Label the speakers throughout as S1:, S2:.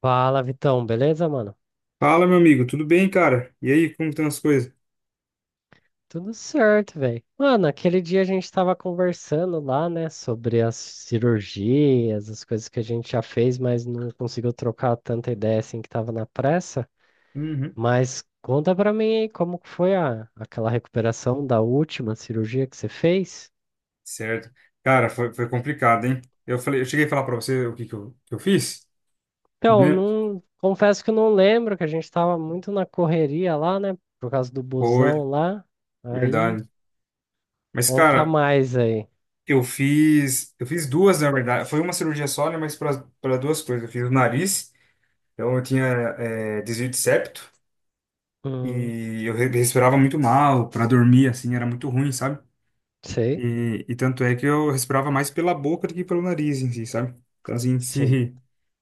S1: Fala, Vitão, beleza, mano?
S2: Fala, meu amigo, tudo bem, cara? E aí, como estão as coisas?
S1: Tudo certo, velho. Mano, aquele dia a gente tava conversando lá, né, sobre as cirurgias, as coisas que a gente já fez, mas não conseguiu trocar tanta ideia assim que tava na pressa.
S2: Uhum.
S1: Mas conta pra mim aí como que foi aquela recuperação da última cirurgia que você fez?
S2: Certo. Cara, foi complicado, hein? Eu falei, eu cheguei a falar pra você o que que eu fiz,
S1: Então,
S2: né?
S1: não, confesso que eu não lembro, que a gente tava muito na correria lá, né, por causa do
S2: Foi,
S1: busão lá. Aí,
S2: verdade. Mas,
S1: conta
S2: cara,
S1: mais aí.
S2: eu fiz duas, na verdade. Foi uma cirurgia só, né? Mas para duas coisas. Eu fiz o nariz, então eu tinha desvio de septo
S1: Hum,
S2: e eu respirava muito mal, para dormir assim era muito ruim, sabe?
S1: sei,
S2: E tanto é que eu respirava mais pela boca do que pelo nariz em si, sabe? Então, assim,
S1: sim.
S2: se,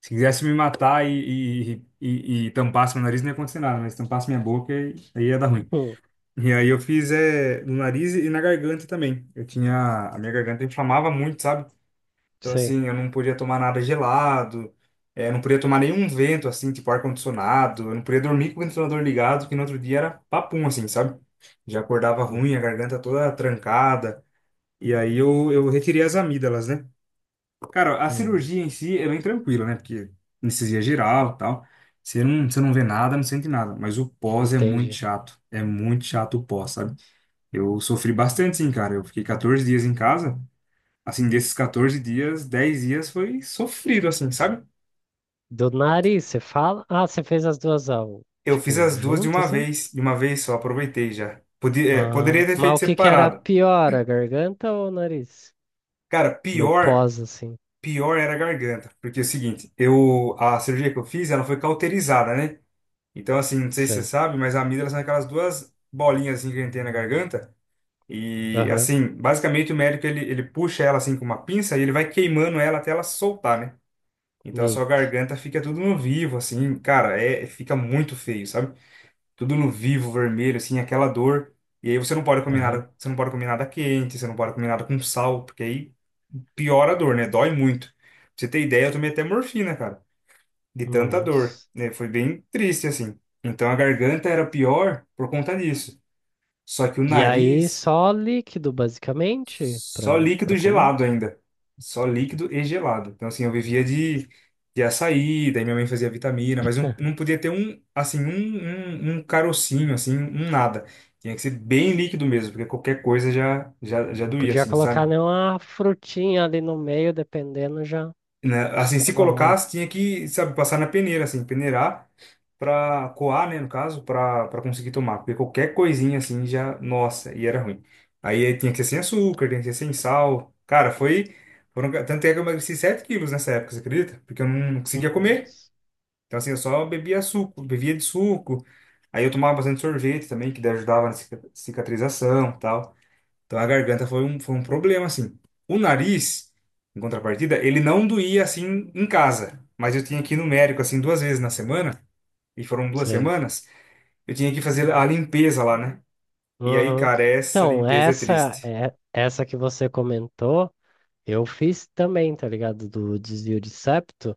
S2: se quisesse me matar e tampasse meu nariz, não ia acontecer nada, mas tampasse minha boca, aí ia dar ruim. E aí eu fiz no nariz e na garganta também. Eu tinha, a minha garganta inflamava muito, sabe? Então,
S1: Sei.
S2: assim, eu não podia tomar nada gelado, não podia tomar nenhum vento, assim, tipo ar-condicionado, eu não podia dormir com o ventilador ligado, que no outro dia era papum, assim, sabe? Já acordava
S1: Hum,
S2: ruim, a garganta toda trancada. E aí eu retirei as amígdalas, né? Cara, a
S1: hum,
S2: cirurgia em si é bem tranquila, né? Porque anestesia geral e tal. Você não vê nada, não sente nada. Mas o pós é muito
S1: entendi.
S2: chato. É muito chato o pós, sabe? Eu sofri bastante, sim, cara. Eu fiquei 14 dias em casa. Assim, desses 14 dias, 10 dias foi sofrido, assim, sabe?
S1: Do nariz, você fala? Ah, você fez as duas
S2: Eu fiz
S1: tipo,
S2: as duas de
S1: junto,
S2: uma
S1: assim?
S2: vez. De uma vez só, aproveitei já. Podia, poderia
S1: Ah,
S2: ter
S1: mas
S2: feito
S1: o que que era
S2: separado.
S1: pior, a garganta ou o nariz?
S2: Cara,
S1: No
S2: pior,
S1: pós, assim.
S2: pior era a garganta. Porque é o seguinte, a cirurgia que eu fiz, ela foi cauterizada, né? Então, assim, não sei se você
S1: Sei.
S2: sabe, mas a amígdala são aquelas duas bolinhas assim que a gente tem na garganta. E,
S1: Aham.
S2: assim, basicamente o médico ele puxa ela assim com uma pinça e ele vai queimando ela até ela soltar, né? Então a sua
S1: Neito.
S2: garganta fica tudo no vivo, assim, cara, fica muito feio, sabe? Tudo no vivo, vermelho, assim, aquela dor. E aí você não pode comer
S1: Aham.
S2: nada, você não pode comer nada quente, você não pode comer nada com sal, porque aí piora a dor, né? Dói muito. Pra você ter ideia, eu tomei até morfina, cara de tanta dor,
S1: Nossa.
S2: né? Foi bem triste assim. Então a garganta era pior por conta disso. Só que o
S1: E aí,
S2: nariz,
S1: só líquido, basicamente,
S2: só
S1: pra,
S2: líquido
S1: pra comer?
S2: gelado ainda. Só líquido e gelado. Então assim, eu vivia de açaí, daí minha mãe fazia vitamina, mas não,
S1: É.
S2: não podia ter um, assim, um carocinho, assim, um nada. Tinha que ser bem líquido mesmo, porque qualquer coisa já, já
S1: Não
S2: doía,
S1: podia
S2: assim,
S1: colocar
S2: sabe?
S1: nenhuma frutinha ali no meio, dependendo, já
S2: Né? Assim, se
S1: dava ruim.
S2: colocasse, tinha que, sabe, passar na peneira, assim, peneirar para coar, né, no caso, para conseguir tomar, porque qualquer coisinha assim já, nossa, e era ruim. Aí tinha que ser sem açúcar, tinha que ser sem sal. Cara, foi foram, tanto é que eu emagreci 7 quilos nessa época, você acredita? Porque eu não conseguia comer.
S1: Nossa.
S2: Então assim, eu só bebia suco, bebia de suco. Aí eu tomava bastante sorvete também, que daí ajudava na cicatrização, e tal. Então a garganta foi um problema assim. O nariz, em contrapartida, ele não doía assim em casa, mas eu tinha que ir no médico assim duas vezes na semana. E foram duas
S1: Sei.
S2: semanas. Eu tinha que fazer a limpeza lá, né? E aí,
S1: Uhum.
S2: cara, essa
S1: Então,
S2: limpeza é
S1: essa
S2: triste.
S1: é essa que você comentou, eu fiz também, tá ligado? Do desvio de septo.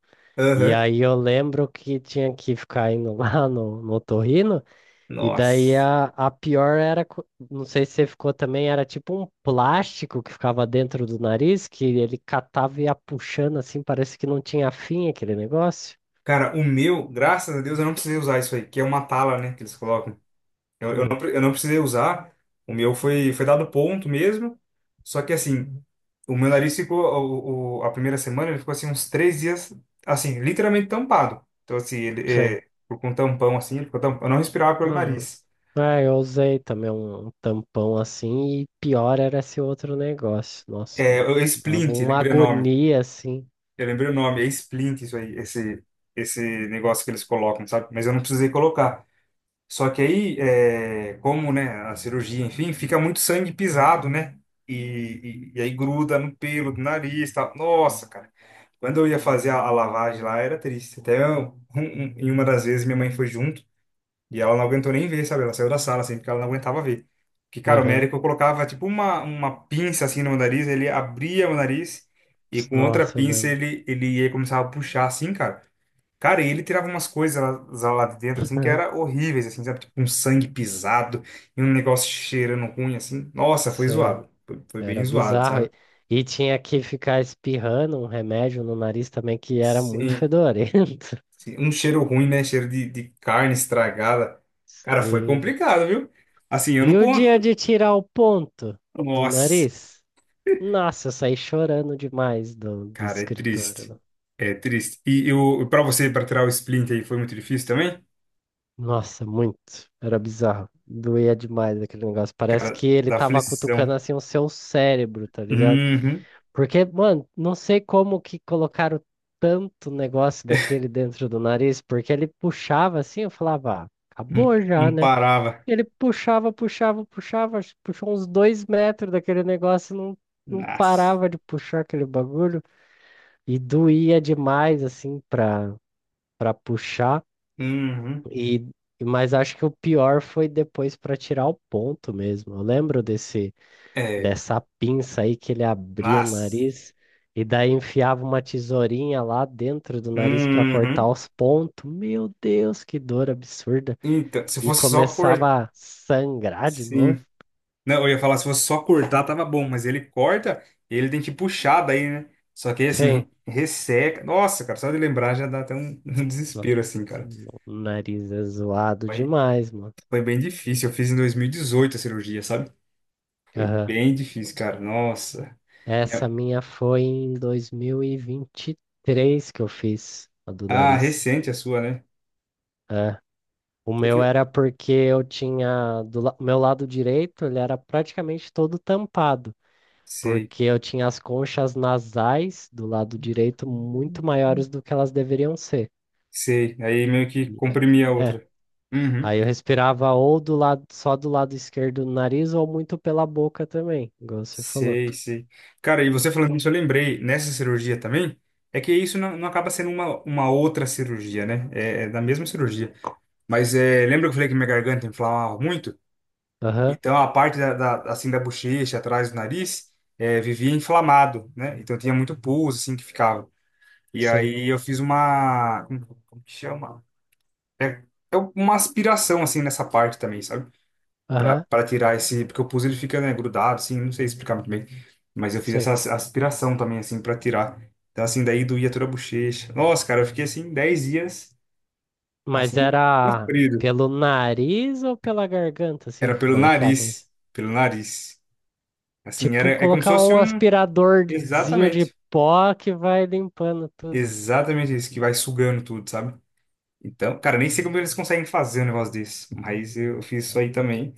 S1: E
S2: Aham.
S1: aí eu lembro que tinha que ficar indo lá no otorrino, e daí
S2: Nossa.
S1: a pior era, não sei se você ficou também, era tipo um plástico que ficava dentro do nariz, que ele catava e ia puxando assim, parece que não tinha fim aquele negócio.
S2: Cara, o meu, graças a Deus, eu não precisei usar isso aí, que é uma tala, né, que eles colocam. Eu, eu não,
S1: Hum,
S2: pre- eu não precisei usar. O meu foi, foi dado ponto mesmo. Só que, assim, o meu nariz ficou, a primeira semana, ele ficou, assim, uns 3 dias, assim, literalmente tampado. Então, assim, ele,
S1: sim.
S2: com um tampão, assim, ele ficou tampão. Eu não respirava pelo nariz.
S1: É, eu usei também um, tampão assim, e pior era esse outro negócio. Nossa,
S2: É, é
S1: dava
S2: splint,
S1: uma
S2: lembrei o nome.
S1: agonia assim.
S2: Eu lembrei o nome, é Splint isso aí, esse negócio que eles colocam, sabe? Mas eu não precisei colocar. Só que aí, como, né, a cirurgia, enfim, fica muito sangue pisado, né? E aí gruda no pelo do nariz, tá? Nossa, cara. Quando eu ia fazer a lavagem lá, era triste. Até em uma das vezes minha mãe foi junto. E ela não aguentou nem ver, sabe? Ela saiu da sala, assim, porque ela não aguentava ver. Porque, cara, o
S1: Aham.
S2: médico colocava, tipo, uma, pinça, assim, no nariz, ele abria o nariz e com outra
S1: Nossa, eu
S2: pinça
S1: lembro.
S2: ele ia começar a puxar, assim, cara. Cara, e ele tirava umas coisas lá, lá de dentro, assim, que era horríveis, assim, sabe? Tipo, um sangue pisado e um negócio cheirando ruim, assim. Nossa, foi
S1: Sim,
S2: zoado. Foi bem
S1: era
S2: zoado,
S1: bizarro.
S2: sabe?
S1: e tinha que ficar espirrando um remédio no nariz também que era muito
S2: Sim,
S1: fedorento.
S2: sim. Um cheiro ruim, né? Cheiro de carne estragada. Cara, foi
S1: Sim, vé.
S2: complicado, viu? Assim, eu
S1: E
S2: não
S1: o dia
S2: conto.
S1: de tirar o ponto do
S2: Nossa.
S1: nariz? Nossa, eu saí chorando demais do
S2: Cara, é triste.
S1: escritório.
S2: É triste. E pra você, para tirar o splint aí, foi muito difícil também?
S1: Nossa, muito. Era bizarro. Doía demais aquele negócio. Parece
S2: Cara,
S1: que ele
S2: da
S1: tava
S2: aflição.
S1: cutucando assim o seu cérebro, tá ligado?
S2: Uhum.
S1: Porque, mano, não sei como que colocaram tanto negócio daquele dentro do nariz, porque ele puxava assim, eu falava, ah,
S2: Não,
S1: acabou já,
S2: não
S1: né?
S2: parava.
S1: Ele puxava, puxava, puxava, acho que puxou uns 2 metros daquele negócio, e não, não
S2: Nossa.
S1: parava de puxar aquele bagulho. E doía demais, assim, pra puxar.
S2: Uhum.
S1: E, mas acho que o pior foi depois para tirar o ponto mesmo. Eu lembro
S2: É.
S1: dessa pinça aí que ele abriu o
S2: Nossa.
S1: nariz e daí enfiava uma tesourinha lá dentro do nariz para cortar
S2: Uhum.
S1: os pontos. Meu Deus, que dor absurda!
S2: Então, se
S1: E
S2: fosse só cortar.
S1: começava a sangrar de novo.
S2: Sim. Não, eu ia falar, se fosse só cortar, tava bom, mas ele corta, ele tem que puxar daí, né? Só que aí, assim,
S1: Sim,
S2: resseca. Nossa, cara, só de lembrar já dá até um, um
S1: no-
S2: desespero, assim, cara.
S1: o nariz é zoado
S2: Foi,
S1: demais, mano.
S2: foi bem difícil. Eu fiz em 2018 a cirurgia, sabe? Foi
S1: Aham.
S2: bem difícil, cara. Nossa. Minha-
S1: Essa minha foi em dois mil e vinte e três que eu fiz, a do
S2: Ah,
S1: nariz.
S2: recente a sua, né?
S1: O
S2: Você
S1: meu
S2: fe-
S1: era porque eu tinha o meu lado direito, ele era praticamente todo tampado,
S2: Sei,
S1: porque eu tinha as conchas nasais do lado direito muito maiores do que elas deveriam ser.
S2: sei. Aí meio que
S1: E-
S2: comprimi a
S1: É,
S2: outra. Uhum.
S1: aí eu respirava ou do lado só do lado esquerdo do nariz ou muito pela boca também, igual você falou.
S2: Sei, sei. Cara, e você falando isso, eu lembrei, nessa cirurgia também, é que isso não, não acaba sendo uma outra cirurgia, né? É da mesma cirurgia. Mas lembra que eu falei que minha garganta inflamava muito?
S1: Aham,
S2: Então a parte assim da bochecha, atrás do nariz, vivia inflamado, né? Então tinha muito pus, assim, que ficava. E
S1: sim.
S2: aí eu fiz uma. Como que chama? É, é uma aspiração, assim, nessa parte também, sabe? Pra,
S1: Aham,
S2: pra tirar esse. Porque o pus ele fica, né, grudado, assim, não sei explicar muito bem. Mas eu fiz
S1: sei.
S2: essa aspiração também, assim, pra tirar. Então, assim, daí doía toda a bochecha. Nossa, cara, eu fiquei assim 10 dias,
S1: Mas
S2: assim,
S1: era
S2: sofrido.
S1: pelo nariz ou pela garganta assim
S2: Era
S1: que
S2: pelo
S1: colocava isso?
S2: nariz. Pelo nariz. Assim, era,
S1: Tipo,
S2: é como se
S1: colocar
S2: fosse
S1: um
S2: um.
S1: aspiradorzinho de
S2: Exatamente.
S1: pó que vai limpando tudo.
S2: Exatamente isso, que vai sugando tudo, sabe? Então, cara, nem sei como eles conseguem fazer um negócio desse, mas eu fiz isso aí também.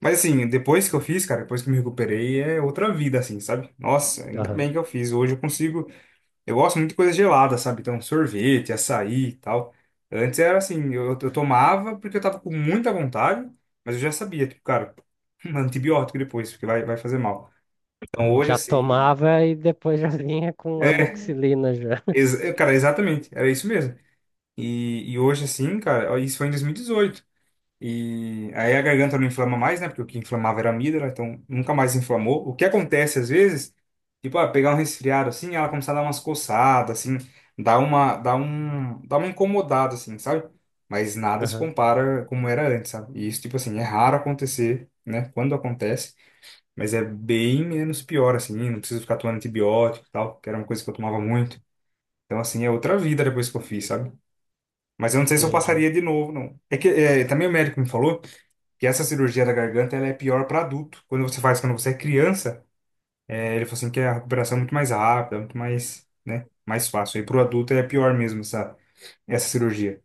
S2: Mas assim, depois que eu fiz, cara, depois que me recuperei, é outra vida, assim, sabe? Nossa, ainda
S1: Aham.
S2: bem que eu fiz. Hoje eu consigo. Eu gosto muito de coisa gelada, sabe? Então, sorvete, açaí e tal. Antes era assim, eu tomava porque eu tava com muita vontade, mas eu já sabia, tipo, cara, antibiótico depois, porque vai fazer mal. Então, hoje,
S1: Já
S2: assim,
S1: tomava e depois já vinha com amoxicilina já.
S2: Cara, exatamente, era isso mesmo. E hoje, assim, cara, ó, isso foi em 2018. E aí a garganta não inflama mais, né? Porque o que inflamava era a amígdala, então nunca mais inflamou. O que acontece às vezes, tipo, ah, pegar um resfriado assim, ela começa a dar umas coçadas, assim, dá uma incomodada, assim, sabe? Mas nada se
S1: Aham,
S2: compara como era antes, sabe? E isso, tipo assim, é raro acontecer, né? Quando acontece, mas é bem menos pior, assim, não preciso ficar tomando antibiótico e tal, que era uma coisa que eu tomava muito. Então, assim, é outra vida depois que eu fiz, sabe? Mas eu não sei se eu
S1: entendi.
S2: passaria de novo, não. É que também o médico me falou. Que essa cirurgia da garganta ela é pior para adulto. Quando você é criança, ele falou assim que a recuperação é muito mais rápida, muito mais, né, mais fácil. E para o adulto é pior mesmo essa cirurgia.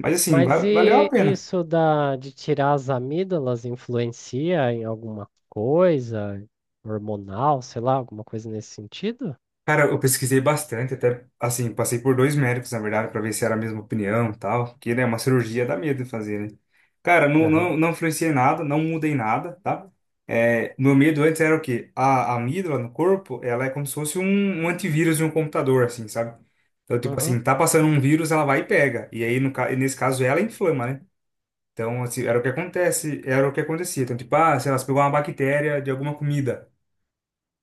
S2: Mas assim,
S1: Mas
S2: valeu a
S1: e
S2: pena.
S1: isso da, de tirar as amígdalas influencia em alguma coisa hormonal, sei lá, alguma coisa nesse sentido?
S2: Cara, eu pesquisei bastante, até assim, passei por dois médicos, na verdade, para ver se era a mesma opinião e tal, que, né, uma cirurgia dá medo de fazer, né? Cara, não,
S1: Aham,
S2: não influenciei nada, não mudei nada, tá? É, meu medo antes era o quê? A amígdala no corpo, ela é como se fosse um, antivírus de um computador, assim, sabe? Então, tipo
S1: uhum,
S2: assim, tá passando um vírus, ela vai e pega. E aí, no, ca- e nesse caso, ela inflama, né? Então, assim, era o que acontece, era o que acontecia. Então, tipo, ah, sei lá, você pegou uma bactéria de alguma comida.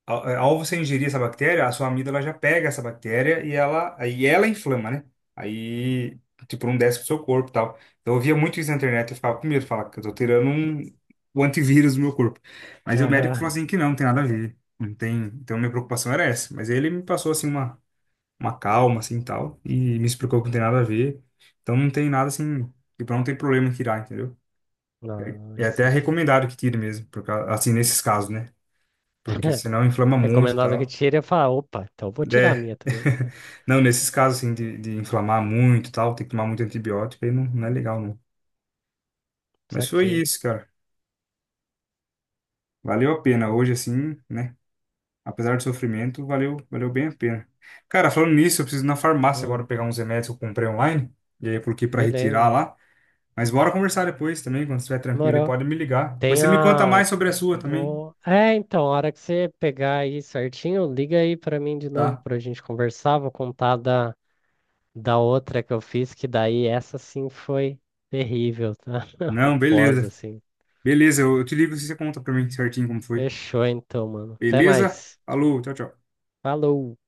S2: Ao você ingerir essa bactéria, a sua amígdala já pega essa bactéria e aí ela inflama, né? Aí, tipo, não desce pro seu corpo e tal. Então, eu via muito isso na internet, eu ficava com medo, falava que eu tô tirando o antivírus do meu corpo. Mas aí o médico falou
S1: aham.
S2: assim que não, não tem nada a ver. Não tem, então, minha preocupação era essa. Mas aí ele me passou, assim, uma calma, assim, tal, e me explicou que não tem nada a ver. Então, não tem nada, assim, tipo, não tem problema em tirar, entendeu?
S1: Não,
S2: É
S1: isso
S2: até
S1: aqui.
S2: recomendado que tire mesmo, porque, assim, nesses casos, né? Porque senão inflama muito e
S1: Recomendado que
S2: tal.
S1: tire, eu falo, opa, então eu vou tirar a
S2: É.
S1: minha também.
S2: Não, nesses casos, assim, de inflamar muito e tal, tem que tomar muito antibiótico, aí não, não é legal, não. Mas foi
S1: Saquei.
S2: isso, cara. Valeu a pena. Hoje, assim, né? Apesar do sofrimento, valeu, valeu bem a pena. Cara, falando nisso, eu preciso ir na farmácia
S1: Hum.
S2: agora pegar uns remédios que eu comprei online. E aí eu coloquei pra retirar
S1: Beleza.
S2: lá. Mas bora conversar depois também, quando estiver tranquilo, aí
S1: Demorou.
S2: pode me ligar. Depois
S1: Tem
S2: você me conta
S1: a.
S2: mais sobre a sua também,
S1: Vou. É, então, a hora que você pegar aí certinho, liga aí pra mim de novo
S2: tá?
S1: pra gente conversar. Vou contar da, da outra que eu fiz, que daí essa sim foi terrível, tá? O
S2: Não,
S1: pós,
S2: beleza.
S1: assim.
S2: Beleza, eu te ligo se você conta pra mim certinho como foi.
S1: Fechou então, mano. Até
S2: Beleza?
S1: mais.
S2: Alô, tchau, tchau.
S1: Falou!